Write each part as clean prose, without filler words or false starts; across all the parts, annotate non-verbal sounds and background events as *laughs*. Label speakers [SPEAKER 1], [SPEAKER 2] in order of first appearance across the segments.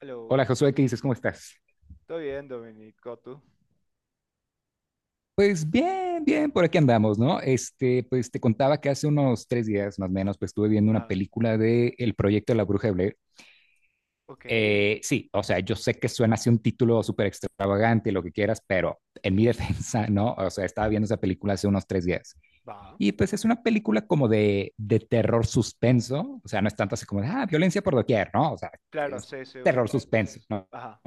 [SPEAKER 1] Hello.
[SPEAKER 2] Hola Josué, ¿qué dices? ¿Cómo estás?
[SPEAKER 1] ¿Todo bien, Dominico? ¿Tú?
[SPEAKER 2] Pues bien, bien, por aquí andamos, ¿no? Pues te contaba que hace unos tres días más o menos, pues estuve viendo una
[SPEAKER 1] Ah,
[SPEAKER 2] película de El proyecto de la Bruja de Blair.
[SPEAKER 1] ok,
[SPEAKER 2] Sí, o sea, yo sé que suena así un título súper extravagante y lo que quieras, pero en mi *laughs* defensa, ¿no? O sea, estaba viendo esa película hace unos tres días.
[SPEAKER 1] va.
[SPEAKER 2] Y pues es una película como de terror suspenso, o sea, no es tanto así como de, ah, violencia por doquier, ¿no? O sea,
[SPEAKER 1] Claro,
[SPEAKER 2] es
[SPEAKER 1] sí, sí,
[SPEAKER 2] terror
[SPEAKER 1] ubico.
[SPEAKER 2] suspenso, ¿no?
[SPEAKER 1] Ajá,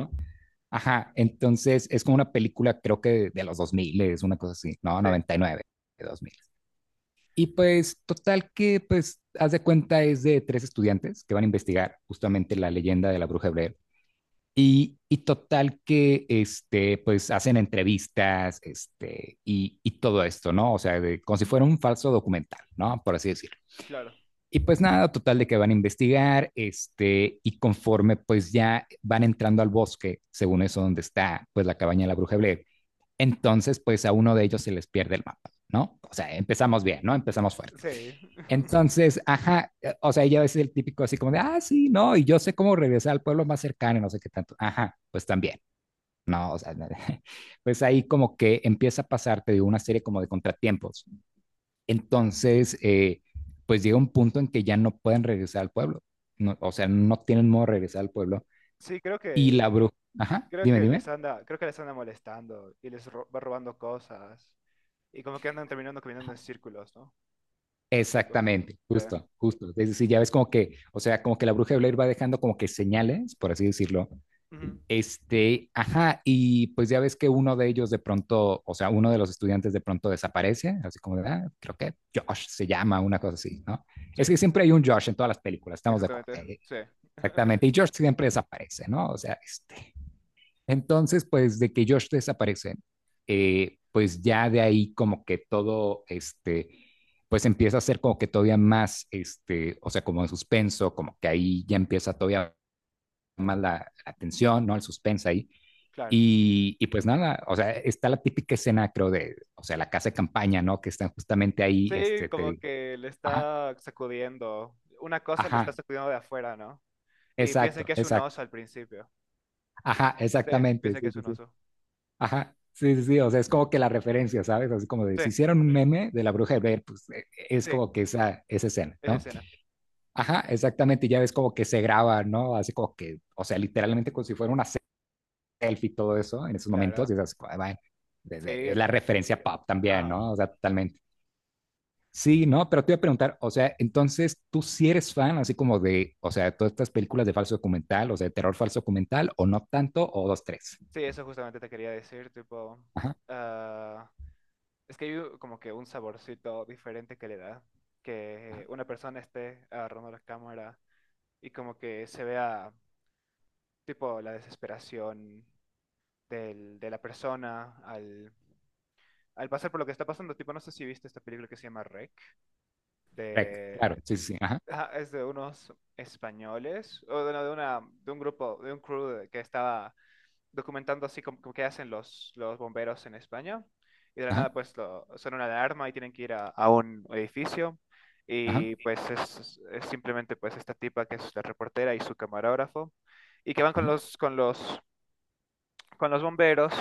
[SPEAKER 2] Ajá, entonces es como una película, creo que de los 2000 es una cosa así, no,
[SPEAKER 1] sí,
[SPEAKER 2] noventa y nueve de 2000. Y pues total que, pues, haz de cuenta es de tres estudiantes que van a investigar justamente la leyenda de la bruja hebrea. Y total que, pues, hacen entrevistas, y todo esto, ¿no? O sea, de- como si fuera un falso documental, ¿no? Por así decirlo.
[SPEAKER 1] claro.
[SPEAKER 2] Y pues nada, total de que van a investigar, y conforme pues ya van entrando al bosque, según eso donde está pues la cabaña de la bruja Blair, entonces pues a uno de ellos se les pierde el mapa, ¿no? O sea, empezamos bien, ¿no? Empezamos fuerte.
[SPEAKER 1] Sí. *laughs*
[SPEAKER 2] Entonces, ajá, o sea, ella es el típico así como de, ah, sí, no, y yo sé cómo regresar al pueblo más cercano, no sé qué tanto, ajá, pues también, no, o sea, *laughs* pues ahí como que empieza a pasarte de una serie como de contratiempos, entonces, pues llega un punto en que ya no pueden regresar al pueblo. No, o sea, no tienen modo de regresar al pueblo.
[SPEAKER 1] Sí,
[SPEAKER 2] Y la bruja, ajá,
[SPEAKER 1] creo
[SPEAKER 2] dime,
[SPEAKER 1] que les
[SPEAKER 2] dime.
[SPEAKER 1] anda, creo que les anda molestando y va robando cosas. Y como que andan terminando caminando en círculos, ¿no? Los tipos.
[SPEAKER 2] Exactamente,
[SPEAKER 1] Sí.
[SPEAKER 2] justo, justo. Es decir, ya ves como que, o sea, como que la bruja de Blair va dejando como que señales, por así decirlo.
[SPEAKER 1] Ujú.
[SPEAKER 2] Ajá, y pues ya ves que uno de ellos de pronto, o sea, uno de los estudiantes de pronto desaparece, así como de, ah, creo que Josh se llama, una cosa así, ¿no? Es
[SPEAKER 1] Sí,
[SPEAKER 2] que siempre hay un Josh en todas las películas, estamos de acuerdo.
[SPEAKER 1] exactamente. Sí. *laughs*
[SPEAKER 2] Exactamente. Y Josh siempre desaparece, ¿no? O sea, este. Entonces, pues de que Josh desaparece, pues ya de ahí como que todo, pues empieza a ser como que todavía más, o sea, como en suspenso, como que ahí ya empieza todavía más la tensión, ¿no? El suspenso ahí.
[SPEAKER 1] Claro.
[SPEAKER 2] Pues nada, o sea, está la típica escena, creo, de, o sea, la casa de campaña, ¿no? Que están justamente ahí,
[SPEAKER 1] Sí,
[SPEAKER 2] te
[SPEAKER 1] como
[SPEAKER 2] digo,
[SPEAKER 1] que le
[SPEAKER 2] ajá,
[SPEAKER 1] está sacudiendo. Una cosa le está
[SPEAKER 2] ajá,
[SPEAKER 1] sacudiendo de afuera, ¿no? Y piensan
[SPEAKER 2] exacto,
[SPEAKER 1] que es un
[SPEAKER 2] exacto,
[SPEAKER 1] oso al principio.
[SPEAKER 2] ajá,
[SPEAKER 1] Sí,
[SPEAKER 2] exactamente,
[SPEAKER 1] piensan que
[SPEAKER 2] sí,
[SPEAKER 1] es
[SPEAKER 2] sí,
[SPEAKER 1] un
[SPEAKER 2] sí.
[SPEAKER 1] oso.
[SPEAKER 2] Ajá, sí, sí, sí, o sea, es como que la referencia, ¿sabes? Así como de
[SPEAKER 1] Sí,
[SPEAKER 2] si hicieron un meme de la bruja de Blair, pues es
[SPEAKER 1] sí,
[SPEAKER 2] como que esa escena,
[SPEAKER 1] esa
[SPEAKER 2] ¿no?
[SPEAKER 1] escena,
[SPEAKER 2] Ajá, exactamente, y ya ves como que se graba, ¿no? Así como que, o sea, literalmente como si fuera una selfie y todo eso en esos momentos, y
[SPEAKER 1] claro.
[SPEAKER 2] es así, como, ah, va, de-
[SPEAKER 1] Sí,
[SPEAKER 2] es la
[SPEAKER 1] re.
[SPEAKER 2] referencia pop también,
[SPEAKER 1] Ajá.
[SPEAKER 2] ¿no? O sea, totalmente. Sí, ¿no? Pero te iba a preguntar, o sea, entonces, ¿tú sí eres fan así como de, o sea, todas estas películas de falso documental, o sea, de terror falso documental, o no tanto, o dos, tres?
[SPEAKER 1] Sí, eso justamente te quería decir, tipo,
[SPEAKER 2] Ajá,
[SPEAKER 1] ah, es que como que un saborcito diferente que le da
[SPEAKER 2] ajá.
[SPEAKER 1] que una persona esté agarrando la cámara y como que se vea, tipo, la desesperación de la persona al pasar por lo que está pasando. Tipo, no sé si viste esta película que se llama Rec,
[SPEAKER 2] Rec,
[SPEAKER 1] de,
[SPEAKER 2] claro, sí, sí, sí, ajá,
[SPEAKER 1] ajá, es de unos españoles, o de, no, de una, de un grupo, de un crew que estaba documentando así como, como qué hacen los bomberos en España. Y de la
[SPEAKER 2] ajá.
[SPEAKER 1] nada, pues, lo, son una alarma y tienen que ir a un edificio.
[SPEAKER 2] Ajá.
[SPEAKER 1] Y pues es simplemente pues esta tipa que es la reportera y su camarógrafo. Y que van
[SPEAKER 2] Ujú.
[SPEAKER 1] con los bomberos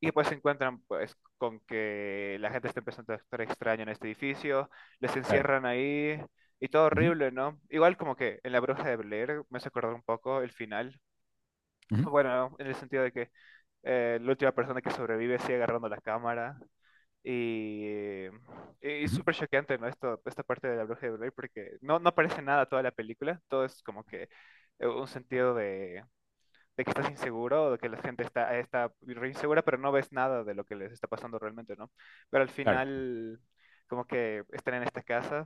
[SPEAKER 1] y pues se encuentran pues con que la gente está empezando a actuar extraño en este edificio, les
[SPEAKER 2] Claro.
[SPEAKER 1] encierran ahí y todo
[SPEAKER 2] Ujú,
[SPEAKER 1] horrible, ¿no? Igual como que en La Bruja de Blair me hace acordar un poco el final,
[SPEAKER 2] ujú,
[SPEAKER 1] bueno, en el sentido de que la última persona que sobrevive sigue agarrando la cámara. Y es
[SPEAKER 2] ujú.
[SPEAKER 1] súper choqueante, ¿no? Esto, esta parte de la bruja de Blair, porque no aparece nada toda la película, todo es como que un sentido de que estás inseguro o de que la gente está re insegura, pero no ves nada de lo que les está pasando realmente, ¿no? Pero al
[SPEAKER 2] Claro.
[SPEAKER 1] final, como que están en esta casa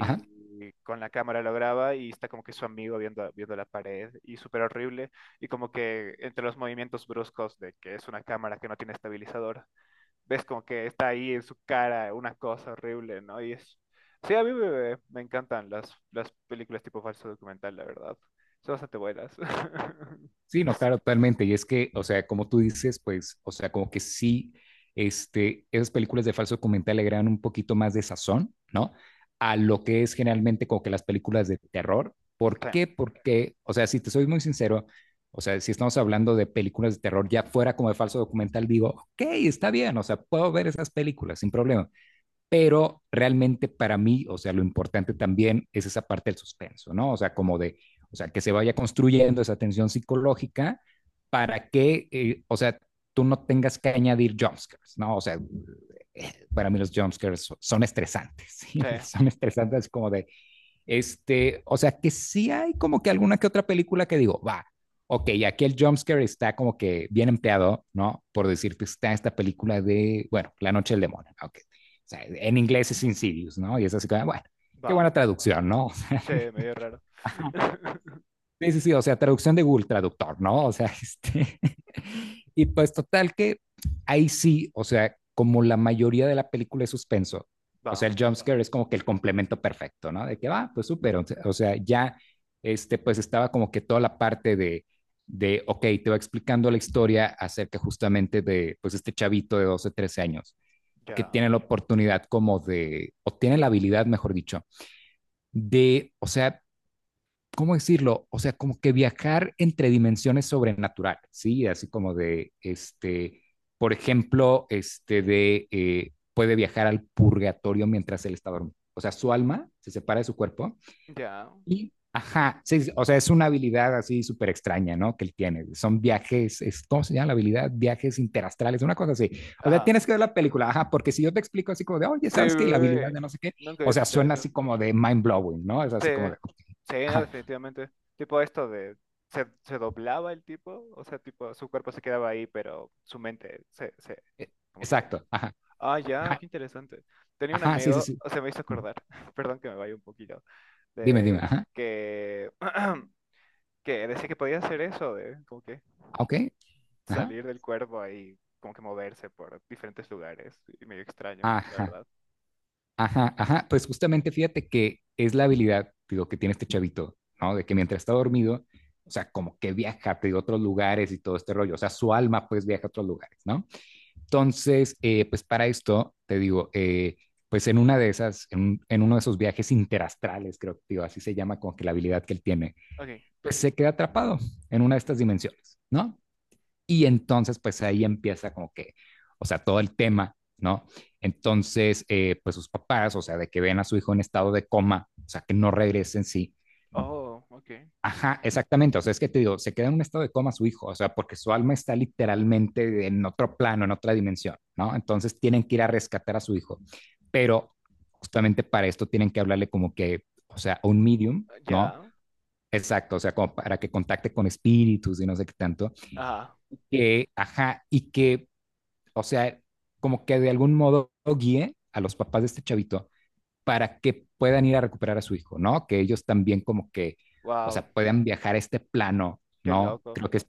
[SPEAKER 2] Ajá.
[SPEAKER 1] con la cámara lo graba y está como que su amigo viendo, viendo la pared y súper horrible y como que entre los movimientos bruscos de que es una cámara que no tiene estabilizador ves como que está ahí en su cara una cosa horrible, ¿no? Y es... Sí, a mí me encantan las películas tipo falso documental, la verdad. Son bastante buenas. *laughs*
[SPEAKER 2] Sí, no,
[SPEAKER 1] Sí,
[SPEAKER 2] claro, totalmente. Y es que, o sea, como tú dices, pues, o sea, como que sí, esas películas de falso documental le agregan un poquito más de sazón, ¿no? A lo que es generalmente como que las películas de terror. ¿Por
[SPEAKER 1] sí,
[SPEAKER 2] qué? Porque, o sea, si te soy muy sincero, o sea, si estamos hablando de películas de terror ya fuera como de falso documental, digo, ok, está bien, o sea, puedo ver esas películas sin problema. Pero realmente para mí, o sea, lo importante también es esa parte del suspenso, ¿no? O sea, como de, o sea, que se vaya construyendo esa tensión psicológica para que, o sea, tú no tengas que añadir jumpscares, ¿no? O sea, para mí los jumpscares son estresantes, *laughs* ¿sí?
[SPEAKER 1] sí,
[SPEAKER 2] O sea, son estresantes como de, o sea, que sí hay como que alguna que otra película que digo, va, ok, aquí el jumpscare está como que bien empleado, ¿no? Por decirte, está esta película de, bueno, La Noche del Demonio, ok. O sea, en inglés es Insidious, ¿no? Y es así como, bueno, qué
[SPEAKER 1] va.
[SPEAKER 2] buena traducción, ¿no?
[SPEAKER 1] Sí, medio raro. *laughs*
[SPEAKER 2] Sí, sí, sí, o sea, traducción de Google Traductor, ¿no? O sea, este... *laughs* Y pues total que ahí sí, o sea, como la mayoría de la película es suspenso, o
[SPEAKER 1] Va,
[SPEAKER 2] sea, el jumpscare es como que el complemento perfecto, ¿no? De que va, ah, pues súper, o sea, ya, pues estaba como que toda la parte de, ok, te va explicando la historia acerca justamente de, pues, este chavito de 12 o 13 años que
[SPEAKER 1] ya,
[SPEAKER 2] tiene la oportunidad como de, o tiene la habilidad, mejor dicho, de, o sea, ¿cómo decirlo? O sea, como que viajar entre dimensiones sobrenatural, ¿sí? Así como de, por ejemplo, este de, puede viajar al purgatorio mientras él está dormido. O sea, su alma se separa de su cuerpo
[SPEAKER 1] ya.
[SPEAKER 2] y, ajá, sí, sí, o sea, es una habilidad así súper extraña, ¿no? Que él tiene. Son viajes, es, ¿cómo se llama la habilidad? Viajes interastrales, una cosa así. O sea,
[SPEAKER 1] Ajá.
[SPEAKER 2] tienes que ver la película, ajá, porque si yo te explico así como de, oye,
[SPEAKER 1] Sí,
[SPEAKER 2] ¿sabes qué? La habilidad de no sé qué,
[SPEAKER 1] nunca
[SPEAKER 2] o
[SPEAKER 1] había
[SPEAKER 2] sea,
[SPEAKER 1] escuchado
[SPEAKER 2] suena
[SPEAKER 1] eso.
[SPEAKER 2] así como de mind blowing, ¿no? Es
[SPEAKER 1] Sí,
[SPEAKER 2] así como de,
[SPEAKER 1] sí, no,
[SPEAKER 2] ajá.
[SPEAKER 1] definitivamente. Tipo esto de... Se doblaba el tipo, o sea, tipo, su cuerpo se quedaba ahí, pero su mente
[SPEAKER 2] E-
[SPEAKER 1] como que
[SPEAKER 2] Exacto. Ajá.
[SPEAKER 1] ah, ya,
[SPEAKER 2] Ajá.
[SPEAKER 1] qué interesante. Tenía un
[SPEAKER 2] Ajá. Sí, sí,
[SPEAKER 1] amigo,
[SPEAKER 2] sí.
[SPEAKER 1] o sea, me hizo acordar, *laughs* perdón que me vaya un poquito,
[SPEAKER 2] Dime, dime.
[SPEAKER 1] de
[SPEAKER 2] Ajá.
[SPEAKER 1] que, *clears throat* que decía que podía hacer eso, de como que
[SPEAKER 2] Ah, ok. Ajá.
[SPEAKER 1] salir del cuerpo y como que moverse por diferentes lugares, y medio extraño, la
[SPEAKER 2] Ajá.
[SPEAKER 1] verdad.
[SPEAKER 2] Ajá. Ajá. Pues justamente fíjate que es la habilidad, digo, que tiene este chavito, ¿no? De que mientras está dormido, o sea, como que viaja te digo, a otros lugares y todo este rollo. O sea, su alma pues viaja a otros lugares, ¿no? Entonces, pues para esto, te digo, pues en una de esas, en, un- en uno de esos viajes interastrales, creo que, digo, así se llama como que la habilidad que él tiene,
[SPEAKER 1] Okay,
[SPEAKER 2] pues se queda atrapado en una de estas dimensiones, ¿no? Y entonces, pues ahí empieza como que, o sea, todo el tema, ¿no? Entonces, pues sus papás, o sea, de que ven a su hijo en estado de coma, o sea, que no regrese en sí.
[SPEAKER 1] oh, okay,
[SPEAKER 2] Ajá, exactamente. O sea, es que te digo, se queda en un estado de coma su hijo, o sea, porque su alma está literalmente en otro plano, en otra dimensión, ¿no? Entonces tienen que ir a rescatar a su hijo, pero justamente para esto tienen que hablarle como que, o sea, a un medium, ¿no?
[SPEAKER 1] ya,
[SPEAKER 2] Exacto, o sea, como para que contacte con espíritus y no sé qué tanto.
[SPEAKER 1] ah,
[SPEAKER 2] Que, ajá, y que o sea, como que de algún modo guíe a los papás de este chavito para que puedan ir a recuperar a su hijo, ¿no? Que ellos también como que, o
[SPEAKER 1] wow,
[SPEAKER 2] sea, puedan viajar a este plano,
[SPEAKER 1] qué
[SPEAKER 2] ¿no?
[SPEAKER 1] loco.
[SPEAKER 2] Creo que es...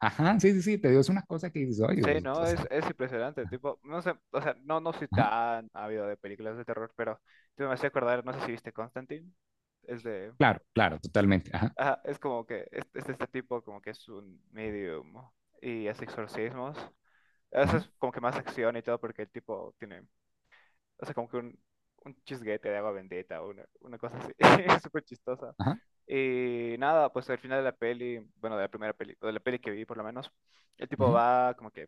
[SPEAKER 2] Ajá, sí, sí, sí, te digo, es una cosa que dices, oye,
[SPEAKER 1] Sí,
[SPEAKER 2] pues, o
[SPEAKER 1] no,
[SPEAKER 2] sea,
[SPEAKER 1] es impresionante, tipo, no sé, o sea, no soy
[SPEAKER 2] ajá,
[SPEAKER 1] tan ávido de películas de terror, pero tipo, me hace acordar, no sé si viste Constantine, es de
[SPEAKER 2] claro, claro, totalmente, ajá,
[SPEAKER 1] ajá, es como que es este tipo como que es un medium y hace exorcismos. Eso
[SPEAKER 2] ujú,
[SPEAKER 1] es como que más acción y todo porque el tipo tiene, o sea, como que un chisguete de agua bendita, una cosa así, *laughs* es súper chistosa.
[SPEAKER 2] ajá,
[SPEAKER 1] Y nada, pues al final de la peli, bueno, de la primera peli, o de la peli que vi por lo menos, el tipo
[SPEAKER 2] ujú,
[SPEAKER 1] va como que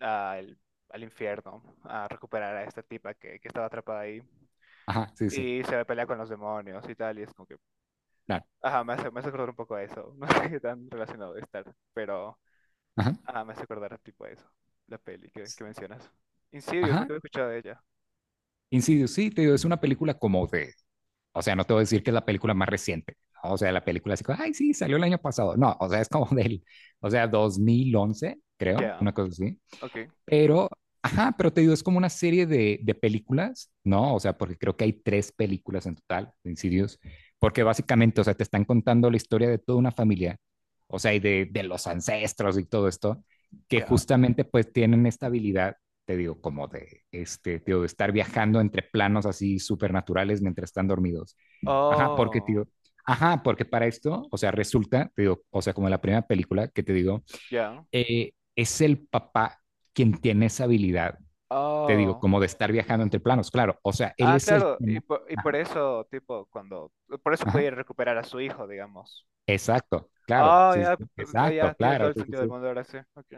[SPEAKER 1] al, al infierno a recuperar a esta tipa que estaba atrapada ahí
[SPEAKER 2] ajá, sí, sí,
[SPEAKER 1] y se pelea con los demonios y tal, y es como que
[SPEAKER 2] claro,
[SPEAKER 1] ajá, me hace acordar un poco a eso. *laughs* No sé qué tan relacionado de estar, pero
[SPEAKER 2] ajá,
[SPEAKER 1] ajá, me hace acordar tipo a eso. La peli
[SPEAKER 2] s-
[SPEAKER 1] que mencionas. Insidious,
[SPEAKER 2] ajá,
[SPEAKER 1] nunca había escuchado de ella.
[SPEAKER 2] Insidious, sí, te digo, es una película como de. O sea, no te voy a decir que es la película más reciente. ¿No? O sea, la película así como, ay, sí, salió el año pasado. No, o sea, es como *laughs* del, o sea, 2011, creo,
[SPEAKER 1] Ya,
[SPEAKER 2] una cosa así.
[SPEAKER 1] ok,
[SPEAKER 2] Pero, ajá, pero te digo, es como una serie de películas, ¿no? O sea, porque creo que hay tres películas en total de Insidious, porque básicamente, o sea, te están contando la historia de toda una familia, o sea, y de, los ancestros y todo esto, que
[SPEAKER 1] ya.
[SPEAKER 2] justamente pues tienen esta habilidad te digo, como de, te digo, de estar viajando entre planos así supernaturales mientras están dormidos. Ajá, porque,
[SPEAKER 1] Oh,
[SPEAKER 2] tío, ajá, porque para esto, o sea, resulta, te digo, o sea, como en la primera película que te digo,
[SPEAKER 1] ya.
[SPEAKER 2] es el papá quien tiene esa habilidad, te digo,
[SPEAKER 1] Oh.
[SPEAKER 2] como de estar viajando entre planos, claro, o sea, él
[SPEAKER 1] Ah,
[SPEAKER 2] es el que...
[SPEAKER 1] claro, y por
[SPEAKER 2] Ajá,
[SPEAKER 1] eso, tipo, cuando. Por eso
[SPEAKER 2] ajá,
[SPEAKER 1] puede recuperar a su hijo, digamos.
[SPEAKER 2] exacto, claro,
[SPEAKER 1] Oh,
[SPEAKER 2] sí, sí,
[SPEAKER 1] ya, p- ah,
[SPEAKER 2] exacto,
[SPEAKER 1] ya, tiene todo
[SPEAKER 2] claro,
[SPEAKER 1] el
[SPEAKER 2] sí, sí,
[SPEAKER 1] sentido del
[SPEAKER 2] sí,
[SPEAKER 1] mundo ahora sí. Ok,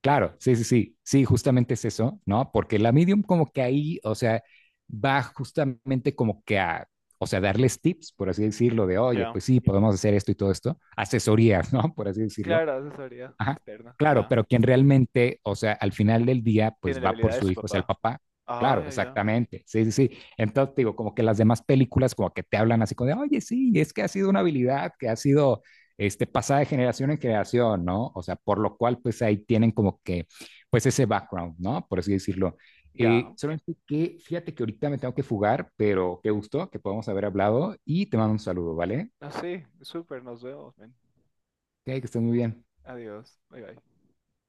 [SPEAKER 2] claro, sí, sí, sí, sí, justamente es eso, ¿no? Porque la medium como que ahí, o sea, va justamente como que a, o sea, darles tips, por así decirlo, de, oye,
[SPEAKER 1] ya.
[SPEAKER 2] pues sí, podemos hacer esto y todo esto, asesorías, ¿no? Por así decirlo.
[SPEAKER 1] Claro, asesoría
[SPEAKER 2] Ajá,
[SPEAKER 1] externa,
[SPEAKER 2] claro,
[SPEAKER 1] ya.
[SPEAKER 2] pero quien realmente, o sea, al final del día,
[SPEAKER 1] Tiene
[SPEAKER 2] pues
[SPEAKER 1] la
[SPEAKER 2] va
[SPEAKER 1] habilidad
[SPEAKER 2] por
[SPEAKER 1] de
[SPEAKER 2] su
[SPEAKER 1] su
[SPEAKER 2] hijo, o sea, el
[SPEAKER 1] papá.
[SPEAKER 2] papá.
[SPEAKER 1] Ah,
[SPEAKER 2] Claro,
[SPEAKER 1] ya, ya.
[SPEAKER 2] exactamente. Sí, sí, sí. Entonces, digo, como que las demás películas como que te hablan así como de, oye, sí, es que ha sido una habilidad que ha sido pasada de generación en generación, ¿no? O sea, por lo cual, pues ahí tienen como que, pues ese background, ¿no? Por así decirlo. Eh,
[SPEAKER 1] Ya.
[SPEAKER 2] solamente que, fíjate que ahorita me tengo que fugar, pero qué gusto que podamos haber hablado y te mando un saludo, ¿vale?
[SPEAKER 1] Así, súper, nos vemos, men.
[SPEAKER 2] Ok, que estés muy bien.
[SPEAKER 1] Adiós. Bye bye.